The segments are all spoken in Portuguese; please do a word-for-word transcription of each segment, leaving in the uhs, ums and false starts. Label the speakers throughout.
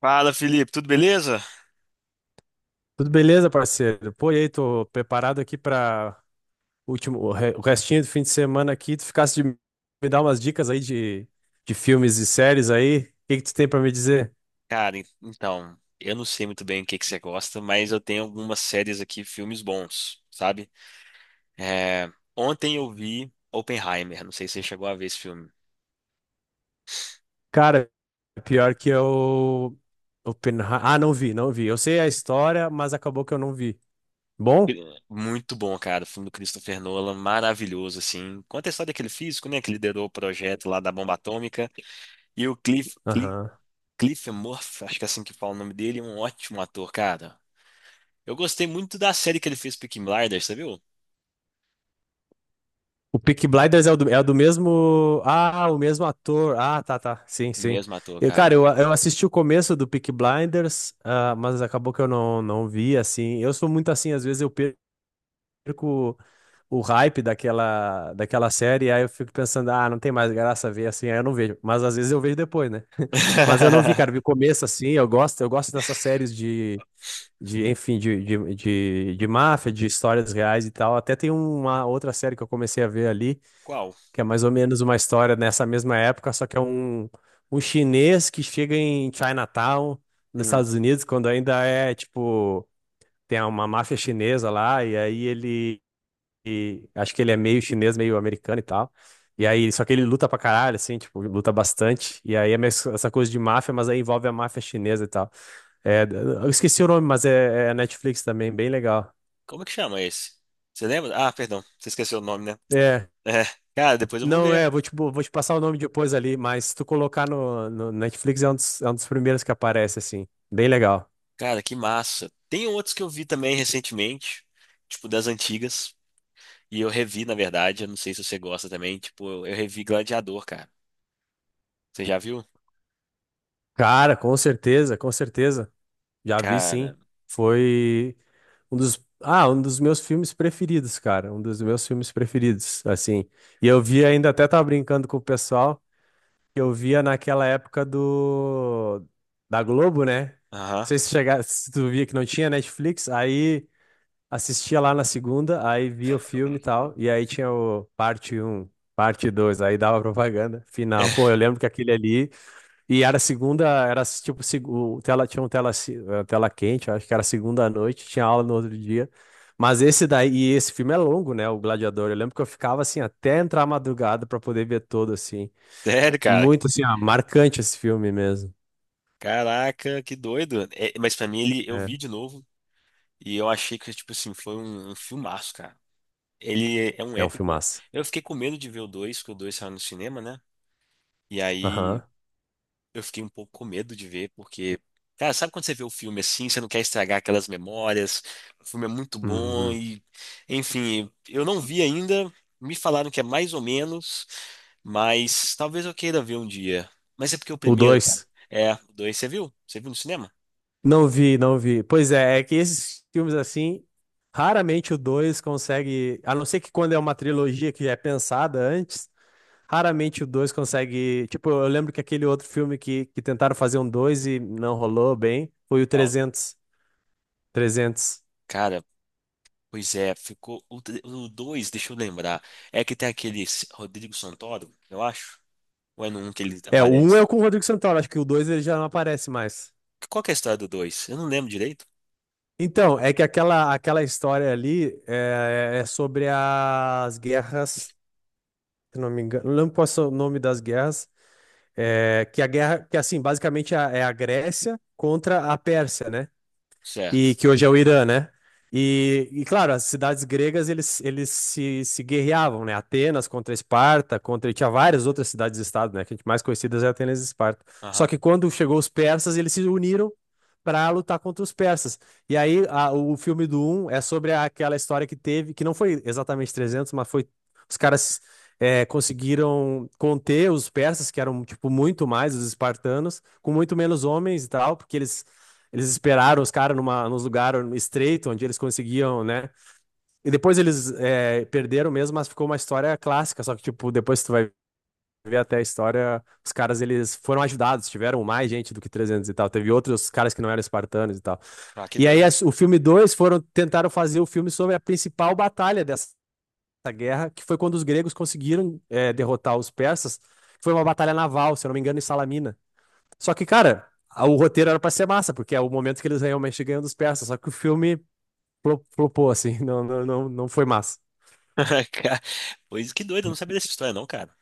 Speaker 1: Fala, Felipe, tudo beleza?
Speaker 2: Tudo beleza, parceiro? Pô, e aí, tô preparado aqui para último, o re- o restinho do fim de semana aqui. Tu ficasse de me dar umas dicas aí de, de filmes e séries aí. O que que tu tem para me dizer?
Speaker 1: Cara, en- então, eu não sei muito bem o que que você gosta, mas eu tenho algumas séries aqui, filmes bons, sabe? É, ontem eu vi Oppenheimer, não sei se você chegou a ver esse filme.
Speaker 2: Cara, pior que eu. Oppenhei- Ah, não vi, não vi. Eu sei a história, mas acabou que eu não vi. Bom?
Speaker 1: Muito bom, cara, o filme do Christopher Nolan, maravilhoso, assim. Conta a história daquele físico, né, que liderou o projeto lá da bomba atômica. E o Cliff, Cliff, Cliff Murphy, acho que é assim que fala o nome dele, é um ótimo ator, cara. Eu gostei muito da série que ele fez, Peaky Blinders, você viu?
Speaker 2: O Peaky Blinders é o do, é o do mesmo. Ah, o mesmo ator. Ah, tá, tá. Sim,
Speaker 1: O
Speaker 2: sim.
Speaker 1: mesmo ator,
Speaker 2: Eu, cara,
Speaker 1: cara.
Speaker 2: eu, eu assisti o começo do Peaky Blinders, ah, mas acabou que eu não, não vi, assim. Eu sou muito assim, às vezes eu perco o hype daquela, daquela série, aí eu fico pensando, ah, não tem mais graça ver, assim, aí eu não vejo. Mas às vezes eu vejo depois, né? Mas eu não vi, cara, vi o começo, assim, eu gosto, eu gosto dessas séries de. De, enfim, de, de, de, de máfia, de histórias reais e tal. Até tem uma outra série que eu comecei a ver ali,
Speaker 1: Qual?
Speaker 2: que é mais ou menos uma história nessa mesma época, só que é um, um chinês que chega em Chinatown, nos
Speaker 1: Hum.
Speaker 2: Estados Unidos, quando ainda é, tipo, tem uma máfia chinesa lá, e aí ele, e- acho que ele é meio chinês, meio americano e tal. E aí, só que ele luta pra caralho, assim, tipo, luta bastante. E aí é meio essa coisa de máfia, mas aí envolve a máfia chinesa e tal. É, eu esqueci o nome, mas é, é Netflix também, bem legal.
Speaker 1: Como é que chama esse? Você lembra? Ah, perdão, você esqueceu o nome, né?
Speaker 2: É,
Speaker 1: É, cara, depois eu vou
Speaker 2: não
Speaker 1: ver.
Speaker 2: é, vou te, bo- vou te passar o nome depois ali, mas se tu colocar no, no Netflix é um dos, é um dos primeiros que aparece, assim. Bem legal.
Speaker 1: Cara, que massa. Tem outros que eu vi também recentemente, tipo das antigas, e eu revi, na verdade, eu não sei se você gosta também, tipo, eu, eu revi Gladiador, cara. Você já viu?
Speaker 2: Cara, com certeza, com certeza. Já vi,
Speaker 1: Cara,
Speaker 2: sim. Foi um dos, ah, um dos meus filmes preferidos, cara. Um dos meus filmes preferidos, assim. E eu vi ainda, até tava brincando com o pessoal, que eu via naquela época do da Globo, né?
Speaker 1: aham.
Speaker 2: Não sei se chegar, se tu via que não tinha Netflix, aí assistia lá na segunda, aí via o filme e tal, e aí tinha o parte um, parte dois, aí dava propaganda, final. Pô, eu lembro que aquele ali, e era segunda, era tipo, seg- o tela, tinha um tela, ci- eh, tela quente, acho que era segunda à noite, tinha aula no outro dia. Mas esse daí, e esse filme é longo, né, o Gladiador, eu lembro que eu ficava assim, até entrar a madrugada pra poder ver todo, assim.
Speaker 1: Sério, cara.
Speaker 2: Muito, assim, ó, marcante esse filme mesmo.
Speaker 1: Caraca, que doido. É, mas pra mim ele eu
Speaker 2: É,
Speaker 1: vi de novo e eu achei que tipo assim, foi um, um filmaço, cara. Ele é um
Speaker 2: é um
Speaker 1: épico.
Speaker 2: filmaço.
Speaker 1: Eu fiquei com medo de ver o dois, que o dois saiu no cinema, né? E aí
Speaker 2: Aham.
Speaker 1: eu fiquei um pouco com medo de ver, porque, cara, sabe quando você vê o filme assim, você não quer estragar aquelas memórias, o filme é muito bom
Speaker 2: Uhum.
Speaker 1: e, enfim, eu não vi ainda, me falaram que é mais ou menos, mas talvez eu queira ver um dia. Mas é porque o
Speaker 2: O
Speaker 1: primeiro, cara,
Speaker 2: dois.
Speaker 1: é, o dois, você viu? Você viu no cinema?
Speaker 2: Não vi, não vi. Pois é, é que esses filmes assim, raramente o dois consegue, a não ser que quando é uma trilogia que já é pensada antes, raramente o dois consegue, tipo, eu lembro que aquele outro filme que, que tentaram fazer um dois e não rolou bem, foi o
Speaker 1: Uau.
Speaker 2: trezentos, trezentos.
Speaker 1: Cara, pois é, ficou, o tre- o dois, deixa eu lembrar, é que tem aquele Rodrigo Santoro, eu acho, ou é no um que ele
Speaker 2: É, o um é
Speaker 1: aparece?
Speaker 2: com o Rodrigo Santoro, acho que o dois ele já não aparece mais.
Speaker 1: Qual que é a história do dois? Eu não lembro direito.
Speaker 2: Então, é que aquela, aquela história ali é, é é sobre as guerras, se não me engano, não lembro qual é o nome das guerras. É, que a guerra, que assim, basicamente é a- é a Grécia contra a Pérsia, né? E
Speaker 1: Certo.
Speaker 2: que hoje é o Irã, né? E, e, claro, as cidades gregas eles, eles se, se guerreavam, né? Atenas contra Esparta, contra e tinha várias outras cidades-estado, né? Que a gente mais conhecidas é Atenas e Esparta. Só
Speaker 1: Aham.
Speaker 2: que quando chegou os persas, eles se uniram para lutar contra os persas. E aí a- o filme do um é sobre aquela história que teve, que não foi exatamente trezentos, mas foi os caras é, conseguiram conter os persas, que eram tipo muito mais os espartanos, com muito menos homens e tal, porque eles eles esperaram os caras numa, nos lugares estreito, onde eles conseguiam, né? E depois eles é, perderam mesmo, mas ficou uma história clássica. Só que, tipo, depois tu vai ver até a história, os caras, eles foram ajudados, tiveram mais gente do que trezentos e tal. Teve outros caras que não eram espartanos e tal.
Speaker 1: Ah, que
Speaker 2: E aí,
Speaker 1: doido.
Speaker 2: as- o filme dois foram, tentaram fazer o filme sobre a principal batalha dessa guerra, que foi quando os gregos conseguiram é, derrotar os persas. Foi uma batalha naval, se eu não me engano, em Salamina. Só que, cara, a- o roteiro era pra ser massa, porque é o momento que eles realmente ganham dos persas. Só que o filme flo- flopou, assim, não, não, não, não foi massa.
Speaker 1: Ca- Pois que doido, eu não sabia dessa história, não, cara.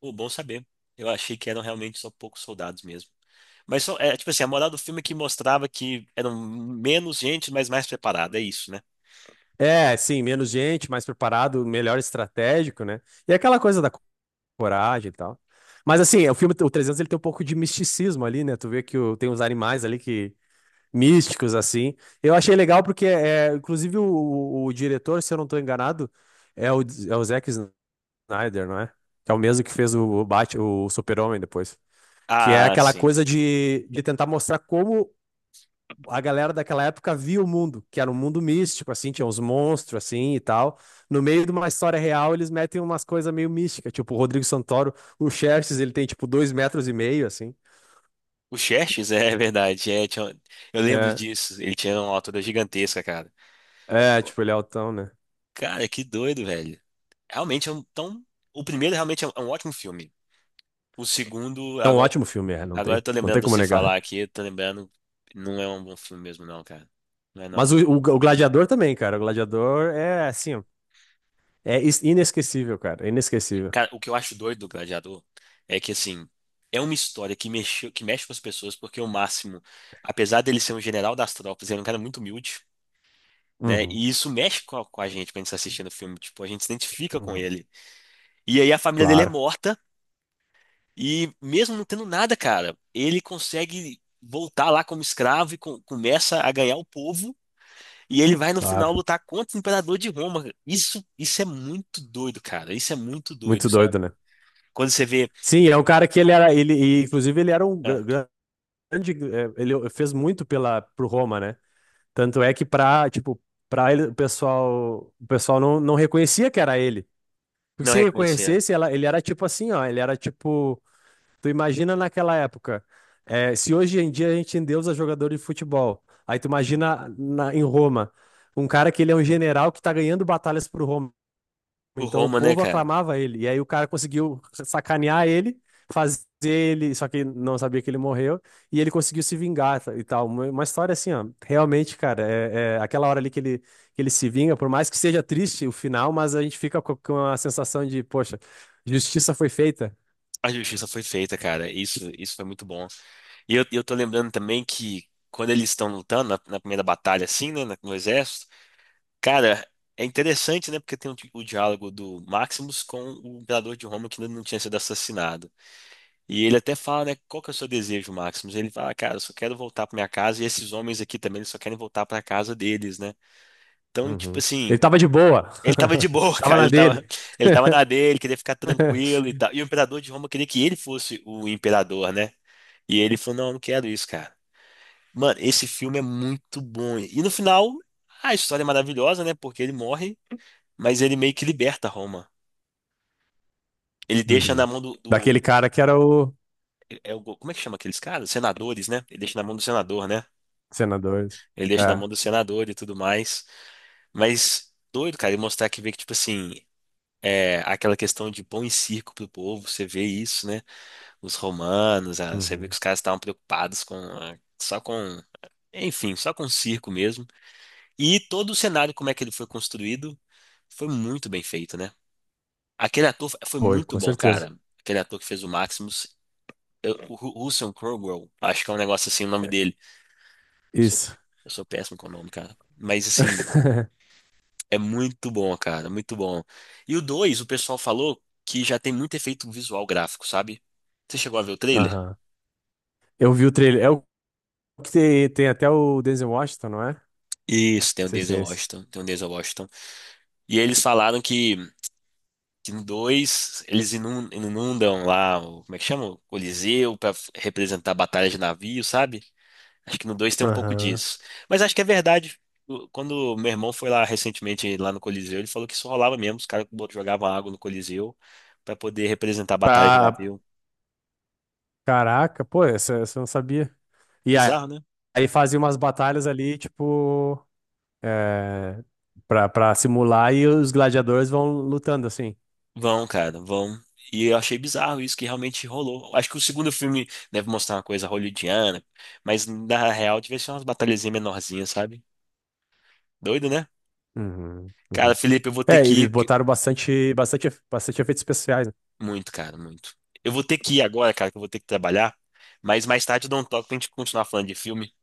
Speaker 1: Pô, bom saber. Eu achei que eram realmente só poucos soldados mesmo. Mas só, é, tipo assim, a moral do filme é que mostrava que eram menos gente, mas mais preparada, é isso, né?
Speaker 2: É, sim, menos gente, mais preparado, melhor estratégico, né? E é aquela coisa da co- coragem e tal. Mas, assim, o filme, o trezentos, ele tem um pouco de misticismo ali, né? Tu vê que o- tem uns animais ali que. Místicos, assim. Eu achei legal porque, é, inclusive, o, o- o diretor, se eu não tô enganado, é o, é o Zack Snyder, não é? Que é o mesmo que fez o, Bat, o Super-Homem depois. Que é
Speaker 1: Ah,
Speaker 2: aquela
Speaker 1: sim.
Speaker 2: coisa de, de tentar mostrar como a galera daquela época via o mundo, que era um mundo místico, assim, tinha uns monstros, assim, e tal. No meio de uma história real, eles metem umas coisas meio místicas, tipo o Rodrigo Santoro, o Xerxes, ele tem, tipo, dois metros e meio, assim.
Speaker 1: O Xerxes, é verdade. É, tinha- eu lembro
Speaker 2: É,
Speaker 1: disso. Ele tinha uma altura gigantesca, cara.
Speaker 2: é tipo, ele é altão, né?
Speaker 1: Cara, que doido, velho. Realmente é um, tão, o primeiro realmente é um, é um ótimo filme. O segundo,
Speaker 2: É um
Speaker 1: agora,
Speaker 2: ótimo filme, é, não
Speaker 1: agora eu
Speaker 2: tem,
Speaker 1: tô
Speaker 2: não
Speaker 1: lembrando
Speaker 2: tem
Speaker 1: de
Speaker 2: como
Speaker 1: você falar
Speaker 2: negar.
Speaker 1: aqui, eu tô lembrando, não é um bom filme mesmo não, cara. Não é não.
Speaker 2: Mas o, o, o Gladiador também, cara, o Gladiador é, assim, ó, é is- inesquecível, cara, é inesquecível.
Speaker 1: Cara, o que eu acho doido do Gladiador é que, assim, é uma história que mexe que mexe com as pessoas, porque o Máximo, apesar dele ser um general das tropas, ele é um cara muito humilde, né?
Speaker 2: Uhum,
Speaker 1: E isso mexe com a, com a gente quando a gente tá assistindo o filme, tipo, a gente se identifica com
Speaker 2: uhum.
Speaker 1: ele. E aí a família dele é
Speaker 2: Claro,
Speaker 1: morta, e mesmo não tendo nada, cara, ele consegue voltar lá como escravo e co- começa a ganhar o povo. E ele vai no final
Speaker 2: claro.
Speaker 1: lutar contra o imperador de Roma, cara. Isso, isso é muito doido, cara. Isso é muito doido,
Speaker 2: Muito
Speaker 1: sabe?
Speaker 2: doido, né?
Speaker 1: Quando você vê,
Speaker 2: Sim, é um cara que ele era, ele, e, inclusive ele era um
Speaker 1: ah,
Speaker 2: gra- grande, eh, ele fez muito pela pro Roma, né? Tanto é que pra, tipo, pra ele, o pessoal, o pessoal não, não reconhecia que era ele. Porque
Speaker 1: não
Speaker 2: se
Speaker 1: reconhecia
Speaker 2: reconhecesse, ela, ele era tipo assim, ó, ele era tipo, tu imagina naquela época, eh, se hoje em dia a gente endeusa jogador de futebol, aí tu imagina na- em Roma, um cara que ele é um general que tá ganhando batalhas pro Roma.
Speaker 1: o
Speaker 2: Então o
Speaker 1: Roma, né,
Speaker 2: povo
Speaker 1: cara?
Speaker 2: aclamava ele. E aí o cara conseguiu sacanear ele, fazer ele, só que não sabia que ele morreu, e ele conseguiu se vingar tá, e tal. Uma uma história assim, ó. Realmente, cara, é, é aquela hora ali que ele, que ele, se vinga, por mais que seja triste o final, mas a gente fica co- com a sensação de, poxa, justiça foi feita.
Speaker 1: A justiça foi feita, cara. Isso, isso foi muito bom. E eu, eu tô lembrando também que quando eles estão lutando na, na primeira batalha, assim, né, na- no exército, cara, é interessante, né, porque tem o, di- o diálogo do Maximus com o imperador de Roma que ainda não tinha sido assassinado. E ele até fala, né, qual que é o seu desejo, Maximus? Ele fala, "Ah, cara, eu só quero voltar pra minha casa e esses homens aqui também, eles só querem voltar pra casa deles, né? Então, tipo
Speaker 2: Uhum.
Speaker 1: assim,
Speaker 2: Ele tava de boa,
Speaker 1: ele tava de boa,
Speaker 2: tava
Speaker 1: cara,
Speaker 2: na
Speaker 1: ele tava,
Speaker 2: dele.
Speaker 1: ele tava na dele, queria ficar tranquilo e tal. E o imperador de Roma queria que ele fosse o imperador, né? E ele falou, não, eu não quero isso, cara. Mano, esse filme é muito bom. E no final, a história é maravilhosa, né? Porque ele morre, mas ele meio que liberta Roma. Ele deixa na
Speaker 2: Uhum.
Speaker 1: mão do,
Speaker 2: Daquele
Speaker 1: do-
Speaker 2: cara que era o
Speaker 1: é o, como é que chama aqueles caras? Senadores, né? Ele deixa na mão do senador, né?
Speaker 2: senador.
Speaker 1: Ele deixa na mão do senador e tudo mais. Mas doido, cara, e mostrar que vê que, tipo assim, é, aquela questão de pão e circo pro povo, você vê isso, né? Os romanos, ah, você vê que
Speaker 2: Uhum.
Speaker 1: os caras estavam preocupados com, ah, só com, enfim, só com o circo mesmo. E todo o cenário, como é que ele foi construído, foi muito bem feito, né? Aquele ator foi
Speaker 2: Foi,
Speaker 1: muito
Speaker 2: com
Speaker 1: bom,
Speaker 2: certeza.
Speaker 1: cara. Aquele ator que fez o Maximus, eu- o Ru- Russell Crowe, acho que é um negócio assim, o nome dele. Sou-
Speaker 2: Isso.
Speaker 1: eu sou péssimo com o nome, cara. Mas assim. É muito bom, cara, muito bom. E o dois, o pessoal falou que já tem muito efeito visual gráfico, sabe? Você chegou a ver o trailer?
Speaker 2: Aham. Eu vi o trailer. É o que tem, tem até o Denzel Washington, não é?
Speaker 1: Isso, tem
Speaker 2: Não
Speaker 1: o
Speaker 2: sei se é
Speaker 1: Denzel
Speaker 2: esse.
Speaker 1: Washington, tem o Denzel Washington. E eles falaram que, que no dois eles inun- inundam lá, o, como é que chama? O Coliseu pra f- representar a batalha de navio, sabe? Acho que no dois tem um pouco
Speaker 2: Aham.
Speaker 1: disso. Mas acho que é verdade. O- Quando meu irmão foi lá recentemente, lá no Coliseu, ele falou que isso rolava mesmo, os caras bot- jogavam água no Coliseu pra poder representar a batalha de
Speaker 2: Pra.
Speaker 1: navio.
Speaker 2: Caraca, pô, essa, essa eu não sabia. E aí,
Speaker 1: Bizarro, né?
Speaker 2: aí fazia umas batalhas ali, tipo, é, pra, pra simular e os gladiadores vão lutando, assim.
Speaker 1: Vão, cara, vão. E eu achei bizarro isso que realmente rolou. Acho que o segundo filme deve mostrar uma coisa hollywoodiana, mas na real devia ser umas batalhazinhas menorzinhas, sabe? Doido, né?
Speaker 2: Uhum, uhum.
Speaker 1: Cara, Felipe, eu vou ter
Speaker 2: É,
Speaker 1: que
Speaker 2: eles
Speaker 1: ir. Porque-
Speaker 2: botaram bastante, bastante, efe- bastante efeitos especiais, né?
Speaker 1: Muito, cara, muito. Eu vou ter que ir agora, cara, que eu vou ter que trabalhar. Mas mais tarde eu dou um toque pra gente continuar falando de filme.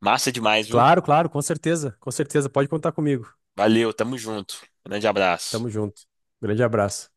Speaker 1: Massa demais, viu?
Speaker 2: Claro, claro, com certeza, com certeza. Pode contar comigo.
Speaker 1: Valeu, tamo junto. Grande abraço.
Speaker 2: Tamo junto. Grande abraço.